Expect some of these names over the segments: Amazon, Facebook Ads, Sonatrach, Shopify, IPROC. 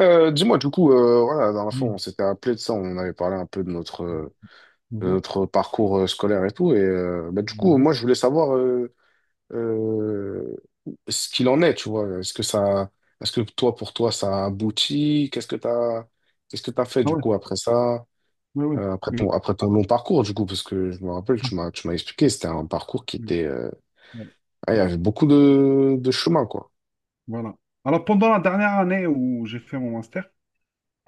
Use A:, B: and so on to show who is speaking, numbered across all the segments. A: Dis-moi, du coup, voilà, la dernière fois, on
B: Mmh.
A: s'était appelé de ça, on avait parlé un peu de
B: Mmh.
A: notre parcours scolaire et tout, et bah, du coup,
B: Mmh.
A: moi, je voulais savoir euh, ce qu'il en est, tu vois. Est-ce que toi, pour toi, ça a abouti? Qu'est-ce que t'as fait,
B: Ah
A: du
B: ouais,
A: coup, après ça,
B: ouais, ouais,
A: après ton,
B: oui.
A: long parcours, du coup, parce que je me rappelle, tu m'as expliqué, c'était un parcours qui
B: Oui,
A: était,
B: ouais,
A: il y avait beaucoup de chemin, quoi.
B: voilà. Alors pendant la dernière année où j'ai fait mon master,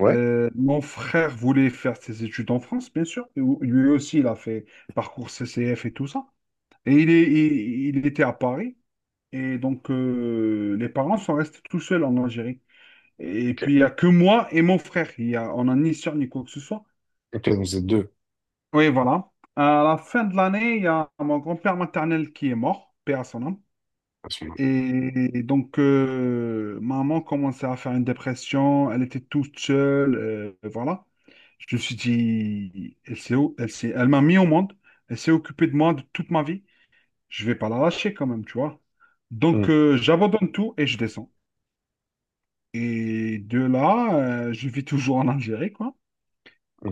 A: Ouais,
B: mon frère voulait faire ses études en France, bien sûr. Et lui aussi, il a fait parcours CCF et tout ça. Et il était à Paris. Et donc, les parents sont restés tout seuls en Algérie. Et
A: ok.
B: puis, il n'y a que moi et mon frère. Il y a, on n'a ni sœur ni quoi que ce soit.
A: Ok, donc vous êtes deux.
B: Oui, voilà. À la fin de l'année, il y a mon grand-père maternel qui est mort, père à son âme.
A: À ce moment.
B: Et donc, maman commençait à faire une dépression, elle était toute seule, voilà. Je me suis dit, elle s'est, au- elle s'est- elle m'a mis au monde, elle s'est occupée de moi de toute ma vie, je vais pas la lâcher quand même, tu vois.
A: Hmm.
B: Donc, j'abandonne tout et je descends. Et de là, je vis toujours en Algérie, quoi.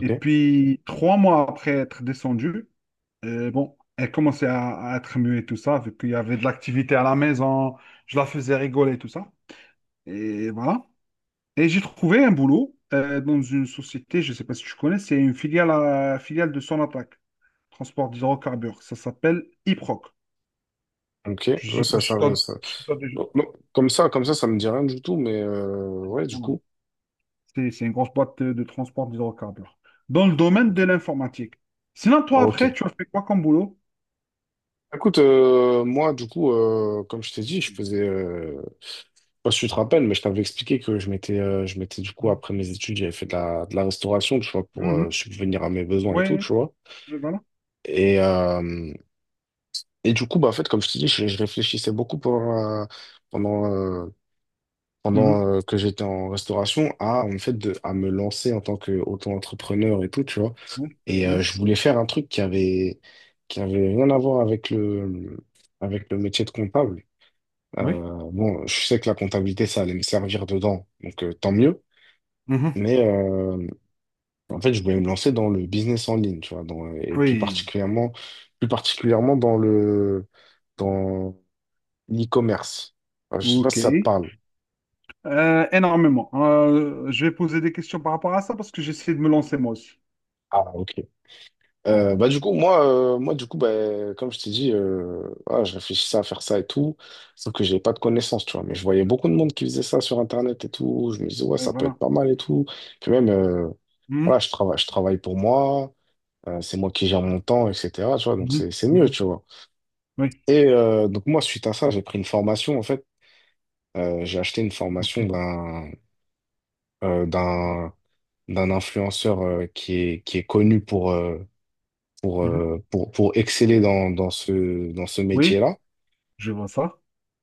B: Et puis, 3 mois après être descendu, bon, elle commençait à être mieux et tout ça, vu qu'il y avait de l'activité à la maison, je la faisais rigoler et tout ça. Et voilà. Et j'ai trouvé un boulot dans une société, je ne sais pas si tu connais, c'est une filiale, filiale de Sonatrach, transport d'hydrocarbures. Ça s'appelle IPROC.
A: ok.
B: Je ne
A: Ouais,
B: sais
A: ça,
B: pas
A: ça,
B: si tu
A: ouais,
B: as,
A: ça.
B: si t'as déjà...
A: Non, non, comme ça me dit rien du tout, mais ouais, du
B: Voilà.
A: coup.
B: C'est une grosse boîte de transport d'hydrocarbures. Dans le domaine
A: Ok.
B: de l'informatique. Sinon, toi,
A: Ok.
B: après, tu as fait quoi comme boulot?
A: Écoute, moi, du coup, comme je t'ai dit, je faisais. Je sais pas si tu te rappelles, mais je t'avais expliqué que je m'étais, du coup, après mes études, j'avais fait de la, restauration, tu vois, pour
B: Mhm.
A: subvenir à mes besoins et tout,
B: Ouais,
A: tu vois.
B: ouais, voilà.
A: Et, euh, et du coup, bah, en fait, comme je t'ai dit, je réfléchissais beaucoup pendant, pendant, euh, pendant
B: Mhm.
A: que j'étais en restauration en fait, à me lancer en tant qu'auto-entrepreneur et tout, tu vois.
B: Oui,
A: Et
B: oui,
A: je voulais faire un truc qui avait, rien à voir avec le métier de comptable.
B: oui.
A: Bon, je sais que la comptabilité, ça allait me servir dedans, donc tant mieux.
B: Mhm.
A: Mais en fait, je voulais me lancer dans le business en ligne, tu vois, et plus
B: Oui.
A: particulièrement, dans le, dans l'e-commerce. Je sais pas
B: Ok.
A: si ça te parle.
B: Énormément. Je vais poser des questions par rapport à ça parce que j'essaie de me lancer moi aussi.
A: Ah, ok. Bah, du coup, moi, du coup, bah, comme je t'ai dit, je réfléchissais à faire ça et tout, sauf que j'avais pas de connaissances, tu vois, mais je voyais beaucoup de
B: Mhm.
A: monde qui faisait ça sur internet et tout, je me disais, ouais,
B: Oui,
A: ça peut être
B: voilà.
A: pas mal, et tout, puis même,
B: Mhm.
A: voilà, je travaille pour moi, c'est moi qui gère mon temps, etc., tu vois, donc
B: Mhm.
A: c'est mieux,
B: Mhm.
A: tu vois.
B: Oui,
A: Et donc, moi, suite à ça, j'ai pris une formation, en fait. J'ai acheté une
B: ok.
A: formation euh, d'un d'un influenceur, qui est connu pour,
B: Mhm.
A: pour exceller dans dans ce
B: Oui,
A: métier-là.
B: je vois ça.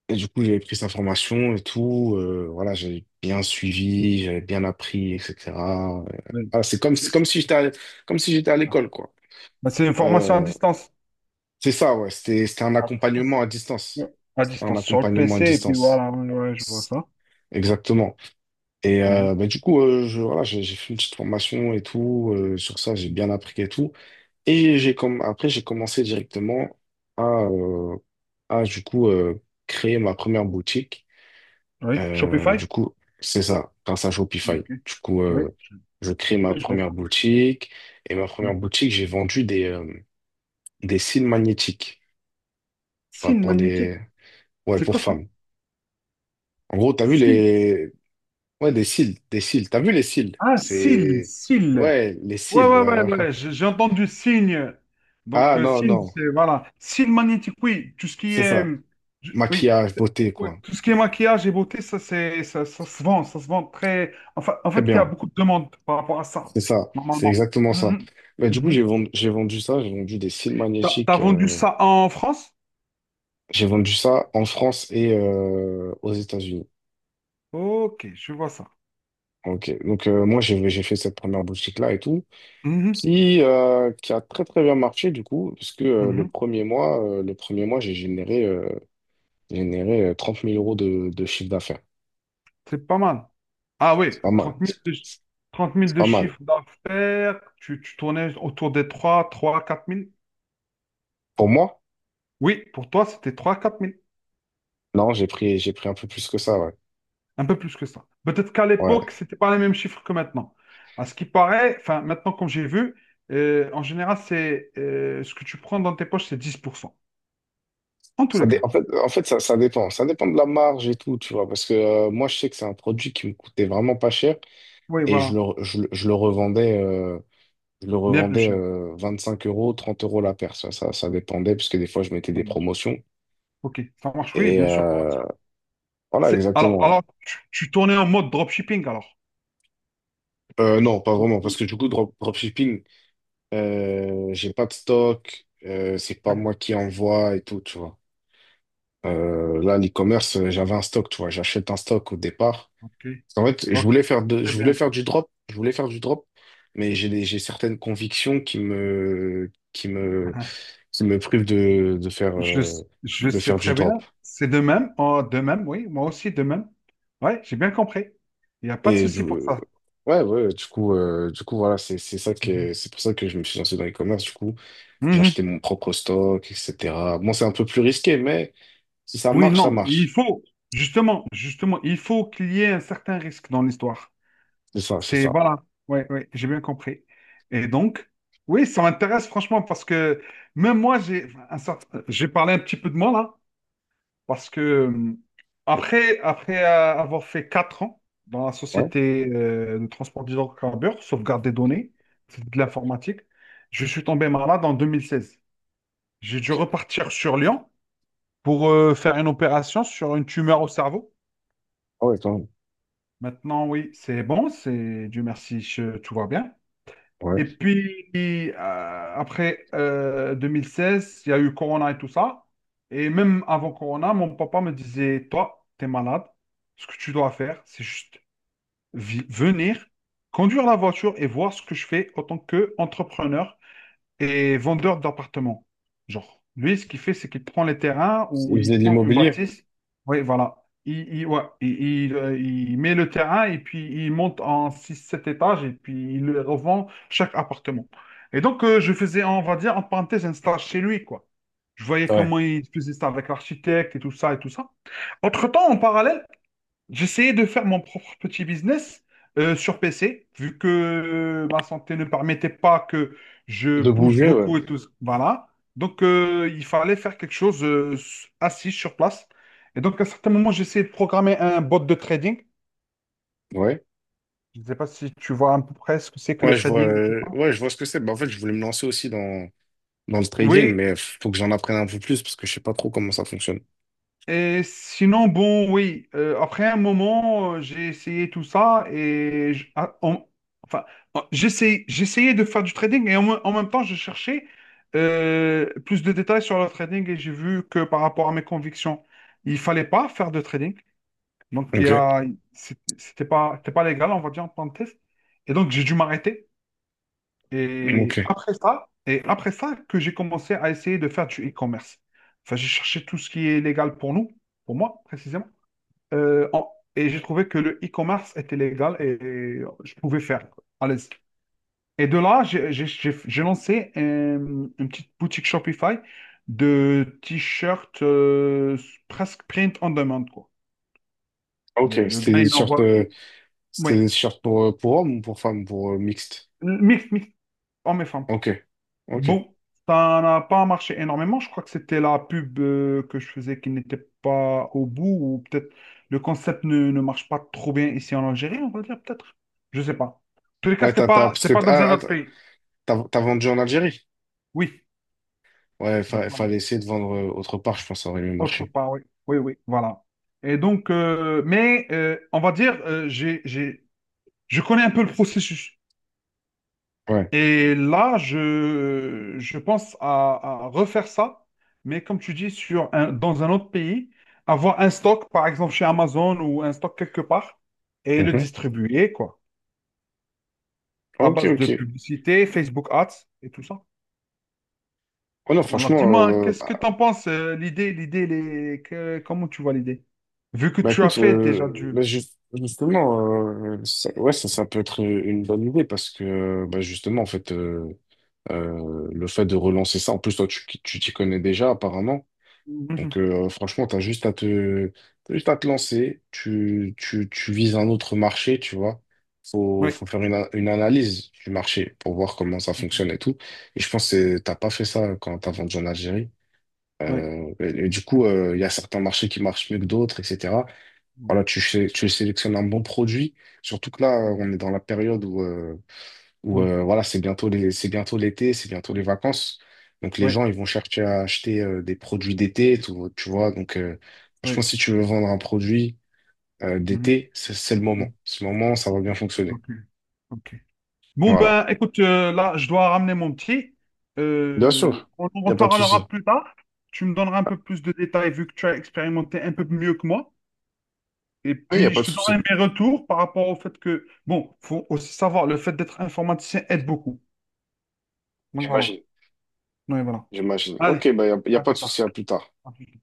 A: Et du coup, j'avais pris sa formation et tout. Voilà, j'avais bien suivi, j'avais bien appris, etc. Euh,
B: Oui.
A: voilà,
B: C'est
A: c'est comme
B: c'est-
A: si
B: c'est
A: j'étais comme si j'étais à
B: ça.
A: l'école, quoi.
B: Bah, c'est une formation à
A: Euh,
B: distance.
A: c'est ça, ouais. C'était un
B: À
A: accompagnement
B: distance.
A: à distance.
B: Ouais. À
A: Un
B: distance, sur le
A: accompagnement à
B: PC, et puis
A: distance.
B: voilà, ouais, ouais, je vois ça.
A: Exactement. Et
B: Mhm.
A: bah, du coup, voilà, j'ai fait une petite formation et tout. Sur ça, j'ai
B: Mhm.
A: bien appris et tout. Et j'ai commencé directement à, euh, à du coup, créer ma première boutique.
B: Oui,
A: Du
B: Shopify?
A: coup, c'est ça, grâce à Shopify.
B: Ok.
A: Du coup,
B: Oui,
A: je crée ma
B: je vois
A: première
B: ça.
A: boutique. Et ma première
B: Mhm.
A: boutique, j'ai vendu des cils magnétiques. Tu vois,
B: Signe
A: pour
B: magnétique,
A: les... Ouais,
B: c'est
A: pour
B: quoi ça?
A: femmes. En gros, t'as vu
B: Signe.
A: les, ouais, des cils. T'as vu les cils?
B: Ah, SIL,
A: C'est...
B: SIL.
A: Ouais, les
B: Ouais,
A: cils,
B: ouais,
A: ouais,
B: ouais, ouais,
A: voilà.
B: j'ai entendu signe. Donc,
A: Ah non,
B: signe,
A: non,
B: c'est, voilà. Signe magnétique, oui, tout ce qui
A: c'est
B: est,
A: ça.
B: oui,
A: Maquillage, beauté,
B: ouais,
A: quoi.
B: tout ce qui est maquillage et beauté, ça, c'est, ça se vend très. Enfin, en
A: Très
B: fait, il y a
A: bien,
B: beaucoup de demandes par rapport à ça,
A: c'est ça. C'est
B: normalement.
A: exactement ça.
B: Mhm.
A: Mais du coup,
B: Mhm.
A: j'ai vendu ça, j'ai vendu des cils
B: T'as
A: magnétiques.
B: vendu ça en France?
A: J'ai vendu ça en France et aux États-Unis.
B: Ok, je vois ça.
A: Ok, donc moi, j'ai fait cette première boutique-là et tout,
B: Mhm.
A: qui a très, très bien marché, du coup, parce que le
B: Mhm.
A: premier mois, j'ai généré, 30 000 euros de chiffre d'affaires.
B: C'est pas mal. Ah oui,
A: C'est pas mal.
B: trente mille de, chi- 30 000
A: C'est
B: de
A: pas mal.
B: chiffre d'affaires, tu tournais autour des trois quatre mille?
A: Pour moi,
B: Oui, pour toi, c'était trois quatre 000.
A: non, j'ai pris un peu plus que ça, ouais.
B: Un peu plus que ça. Peut-être qu'à
A: Ouais.
B: l'époque, c'était pas les mêmes chiffres que maintenant. À ce qui paraît, enfin, maintenant, comme j'ai vu, en général, c'est ce que tu prends dans tes poches, c'est 10%. En tous les cas.
A: En fait, ça dépend. Ça dépend de la marge et tout, tu vois. Parce que moi, je sais que c'est un produit qui me coûtait vraiment pas cher,
B: Oui,
A: et
B: voilà.
A: je le revendais,
B: Bien plus cher.
A: cinq euros, 30 € la paire. Ça dépendait parce que des fois, je mettais
B: Ça
A: des
B: marche.
A: promotions.
B: Ok, ça marche, oui,
A: Et
B: bien sûr. Pour la tire.
A: voilà,
B: Alors,
A: exactement.
B: tu tournais en mode dropshipping, alors?
A: Non, pas
B: Ou-
A: vraiment. Parce
B: ou-
A: que du coup, dropshipping, j'ai pas de stock. C'est pas
B: Ouais.
A: moi qui envoie et tout, tu vois. Là, l'e-commerce, j'avais un stock, tu vois, j'achète un stock au départ.
B: Ok,
A: En fait,
B: ok. Très
A: je voulais
B: bien. Ça.
A: faire du drop, mais j'ai certaines convictions qui me privent
B: Je le
A: de
B: sais
A: faire du
B: très bien.
A: drop.
B: C'est de même. Oh, de même, oui. Moi aussi, de même. Ouais, j'ai bien compris. Il n'y a pas de
A: Et
B: souci pour ça.
A: ouais, ouais, du coup, voilà,
B: Mhm.
A: c'est pour ça que je me suis lancé dans l'e-commerce, du coup. J'ai
B: Mhm.
A: acheté mon propre stock, etc. Bon, c'est un peu plus risqué, mais si ça
B: Oui,
A: marche, ça
B: non, il
A: marche.
B: faut, justement, il faut qu'il y ait un certain risque dans l'histoire.
A: C'est ça, c'est
B: C'est,
A: ça.
B: voilà, ouais, ouais, j'ai bien compris. Et donc, oui, ça m'intéresse franchement parce que même moi, j'ai parlé un petit peu de moi là, parce que après avoir fait 4 ans dans la
A: Ouais.
B: société de transport d'hydrocarbures, sauvegarde des données, c'est de l'informatique, je suis tombé malade en 2016. J'ai dû
A: Ok.
B: repartir sur Lyon pour faire une opération sur une tumeur au cerveau.
A: Ah ouais, quand même.
B: Maintenant, oui, c'est bon, c'est Dieu merci, tout va bien.
A: Ouais.
B: Et puis, après 2016, il y a eu Corona et tout ça. Et même avant Corona, mon papa me disait, toi, t'es malade, ce que tu dois faire, c'est juste venir, conduire la voiture et voir ce que je fais en tant qu'entrepreneur et vendeur d'appartements. Genre, lui, ce qu'il fait, c'est qu'il prend les terrains ou
A: Il
B: il
A: faisait de
B: prend une
A: l'immobilier.
B: bâtisse. Oui, voilà. Ouais, il met le terrain et puis il monte en 6 7 étages et puis il le revend chaque appartement. Et donc, je faisais, on va dire, en parenthèse, un stage chez lui, quoi. Je voyais
A: Ouais.
B: comment il faisait ça avec l'architecte et tout ça et tout ça. Entre-temps, en parallèle, j'essayais de faire mon propre petit business sur PC, vu que ma santé ne permettait pas que je
A: De
B: bouge
A: bouger, ouais.
B: beaucoup et tout ça. Voilà. Donc, il fallait faire quelque chose assis sur place. Et donc, à un certain moment, j'ai essayé de programmer un bot de trading.
A: Ouais.
B: Je ne sais pas si tu vois à peu près ce que c'est que le
A: Ouais,
B: trading et tout ça.
A: ouais, je vois ce que c'est. Bah, en fait, je voulais me lancer aussi dans le trading,
B: Oui,
A: mais faut que j'en apprenne un peu plus parce que je sais pas trop comment ça fonctionne.
B: et sinon, bon, oui, après un moment, j'ai essayé tout ça et enfin, j'essayais de faire du trading et en même temps, je cherchais plus de détails sur le trading et j'ai vu que par rapport à mes convictions, il fallait pas faire de trading. Donc, il y
A: Ok.
B: a, c'est- c'était pas légal, on va dire, en tant que test. Et donc, j'ai dû m'arrêter.
A: Ok.
B: Et après ça que j'ai commencé à essayer de faire du e-commerce. Enfin, j'ai cherché tout ce qui est légal pour nous, pour moi précisément. Et j'ai trouvé que le e-commerce était légal et je pouvais faire à l'aise. Et de là, j'ai lancé une petite boutique Shopify de t-shirts presque print on demand, quoi.
A: Ok.
B: Le gars, il envoie. Oui,
A: C'était des shorts pour hommes ou pour femmes, pour mixte.
B: mix, hommes et femmes.
A: Ok. Ok.
B: Bon, ça n'a pas marché énormément. Je crois que c'était la pub que je faisais qui n'était pas au bout, ou peut-être le concept ne marche pas trop bien ici en Algérie, on va dire peut-être. Je sais pas. En tous les cas,
A: Ouais, parce
B: c'était
A: que
B: pas dans un
A: t'as, ah, ah,
B: autre
A: t'as,
B: pays.
A: t'as t'as vendu en Algérie.
B: Oui.
A: Ouais,
B: Donc voilà.
A: fallait essayer de vendre autre part, je pense, ça aurait mieux
B: Autre
A: marché.
B: part, oui. Oui, oui, voilà. Et donc, mais on va dire, je connais un peu le processus.
A: Ouais.
B: Et là, je pense à refaire ça, mais comme tu dis, dans un autre pays, avoir un stock, par exemple chez Amazon ou un stock quelque part, et le
A: Mhm.
B: distribuer, quoi, à
A: Ok,
B: base de
A: ok.
B: publicité, Facebook Ads et tout ça.
A: Oh non,
B: Alors,
A: franchement,
B: dis-moi,
A: euh,
B: qu'est-ce que tu en penses, l'idée, l'idée, comment tu vois l'idée? Vu que
A: bah
B: tu as
A: écoute,
B: fait déjà
A: là,
B: du...
A: justement, ça peut être une bonne idée parce que bah, justement, en fait, le fait de relancer ça, en plus, toi, tu t'y connais déjà apparemment. Donc
B: Mhm.
A: franchement, t'as juste à te lancer. Tu vises un autre marché, tu vois.
B: Oui,
A: Faut faire une analyse du marché pour voir comment ça
B: oui,
A: fonctionne et tout. Et je pense que t'as pas fait ça quand t'as vendu en Algérie.
B: oui,
A: Et du coup, il y a certains marchés qui marchent mieux que d'autres, etc. Voilà,
B: oui,
A: tu sélectionnes un bon produit, surtout que là, on est dans la période où voilà, c'est bientôt l'été, c'est bientôt les vacances. Donc les
B: oui,
A: gens, ils vont chercher à acheter des produits d'été, tout, tu vois. Donc je pense
B: oui.
A: que si tu veux vendre un produit
B: Mhm.
A: d'été, c'est le moment.
B: Mhm.
A: Ce moment, ça va bien fonctionner.
B: Ok, ok. Bon,
A: Voilà.
B: ben, écoute, là, je dois ramener mon petit.
A: Bien sûr,
B: On en
A: il n'y a pas de
B: reparlera
A: souci.
B: plus tard. Tu me donneras un peu plus de détails vu que tu as expérimenté un peu mieux que moi. Et
A: Oui, il n'y a
B: puis,
A: pas
B: je
A: de
B: te
A: souci.
B: donnerai mes retours par rapport au fait que, bon, faut aussi savoir, le fait d'être informaticien aide beaucoup. Donc voilà.
A: J'imagine.
B: Donc, voilà.
A: J'imagine.
B: Allez,
A: Ok, bah, y a
B: à
A: pas
B: plus
A: de souci,
B: tard.
A: à plus tard.
B: À plus.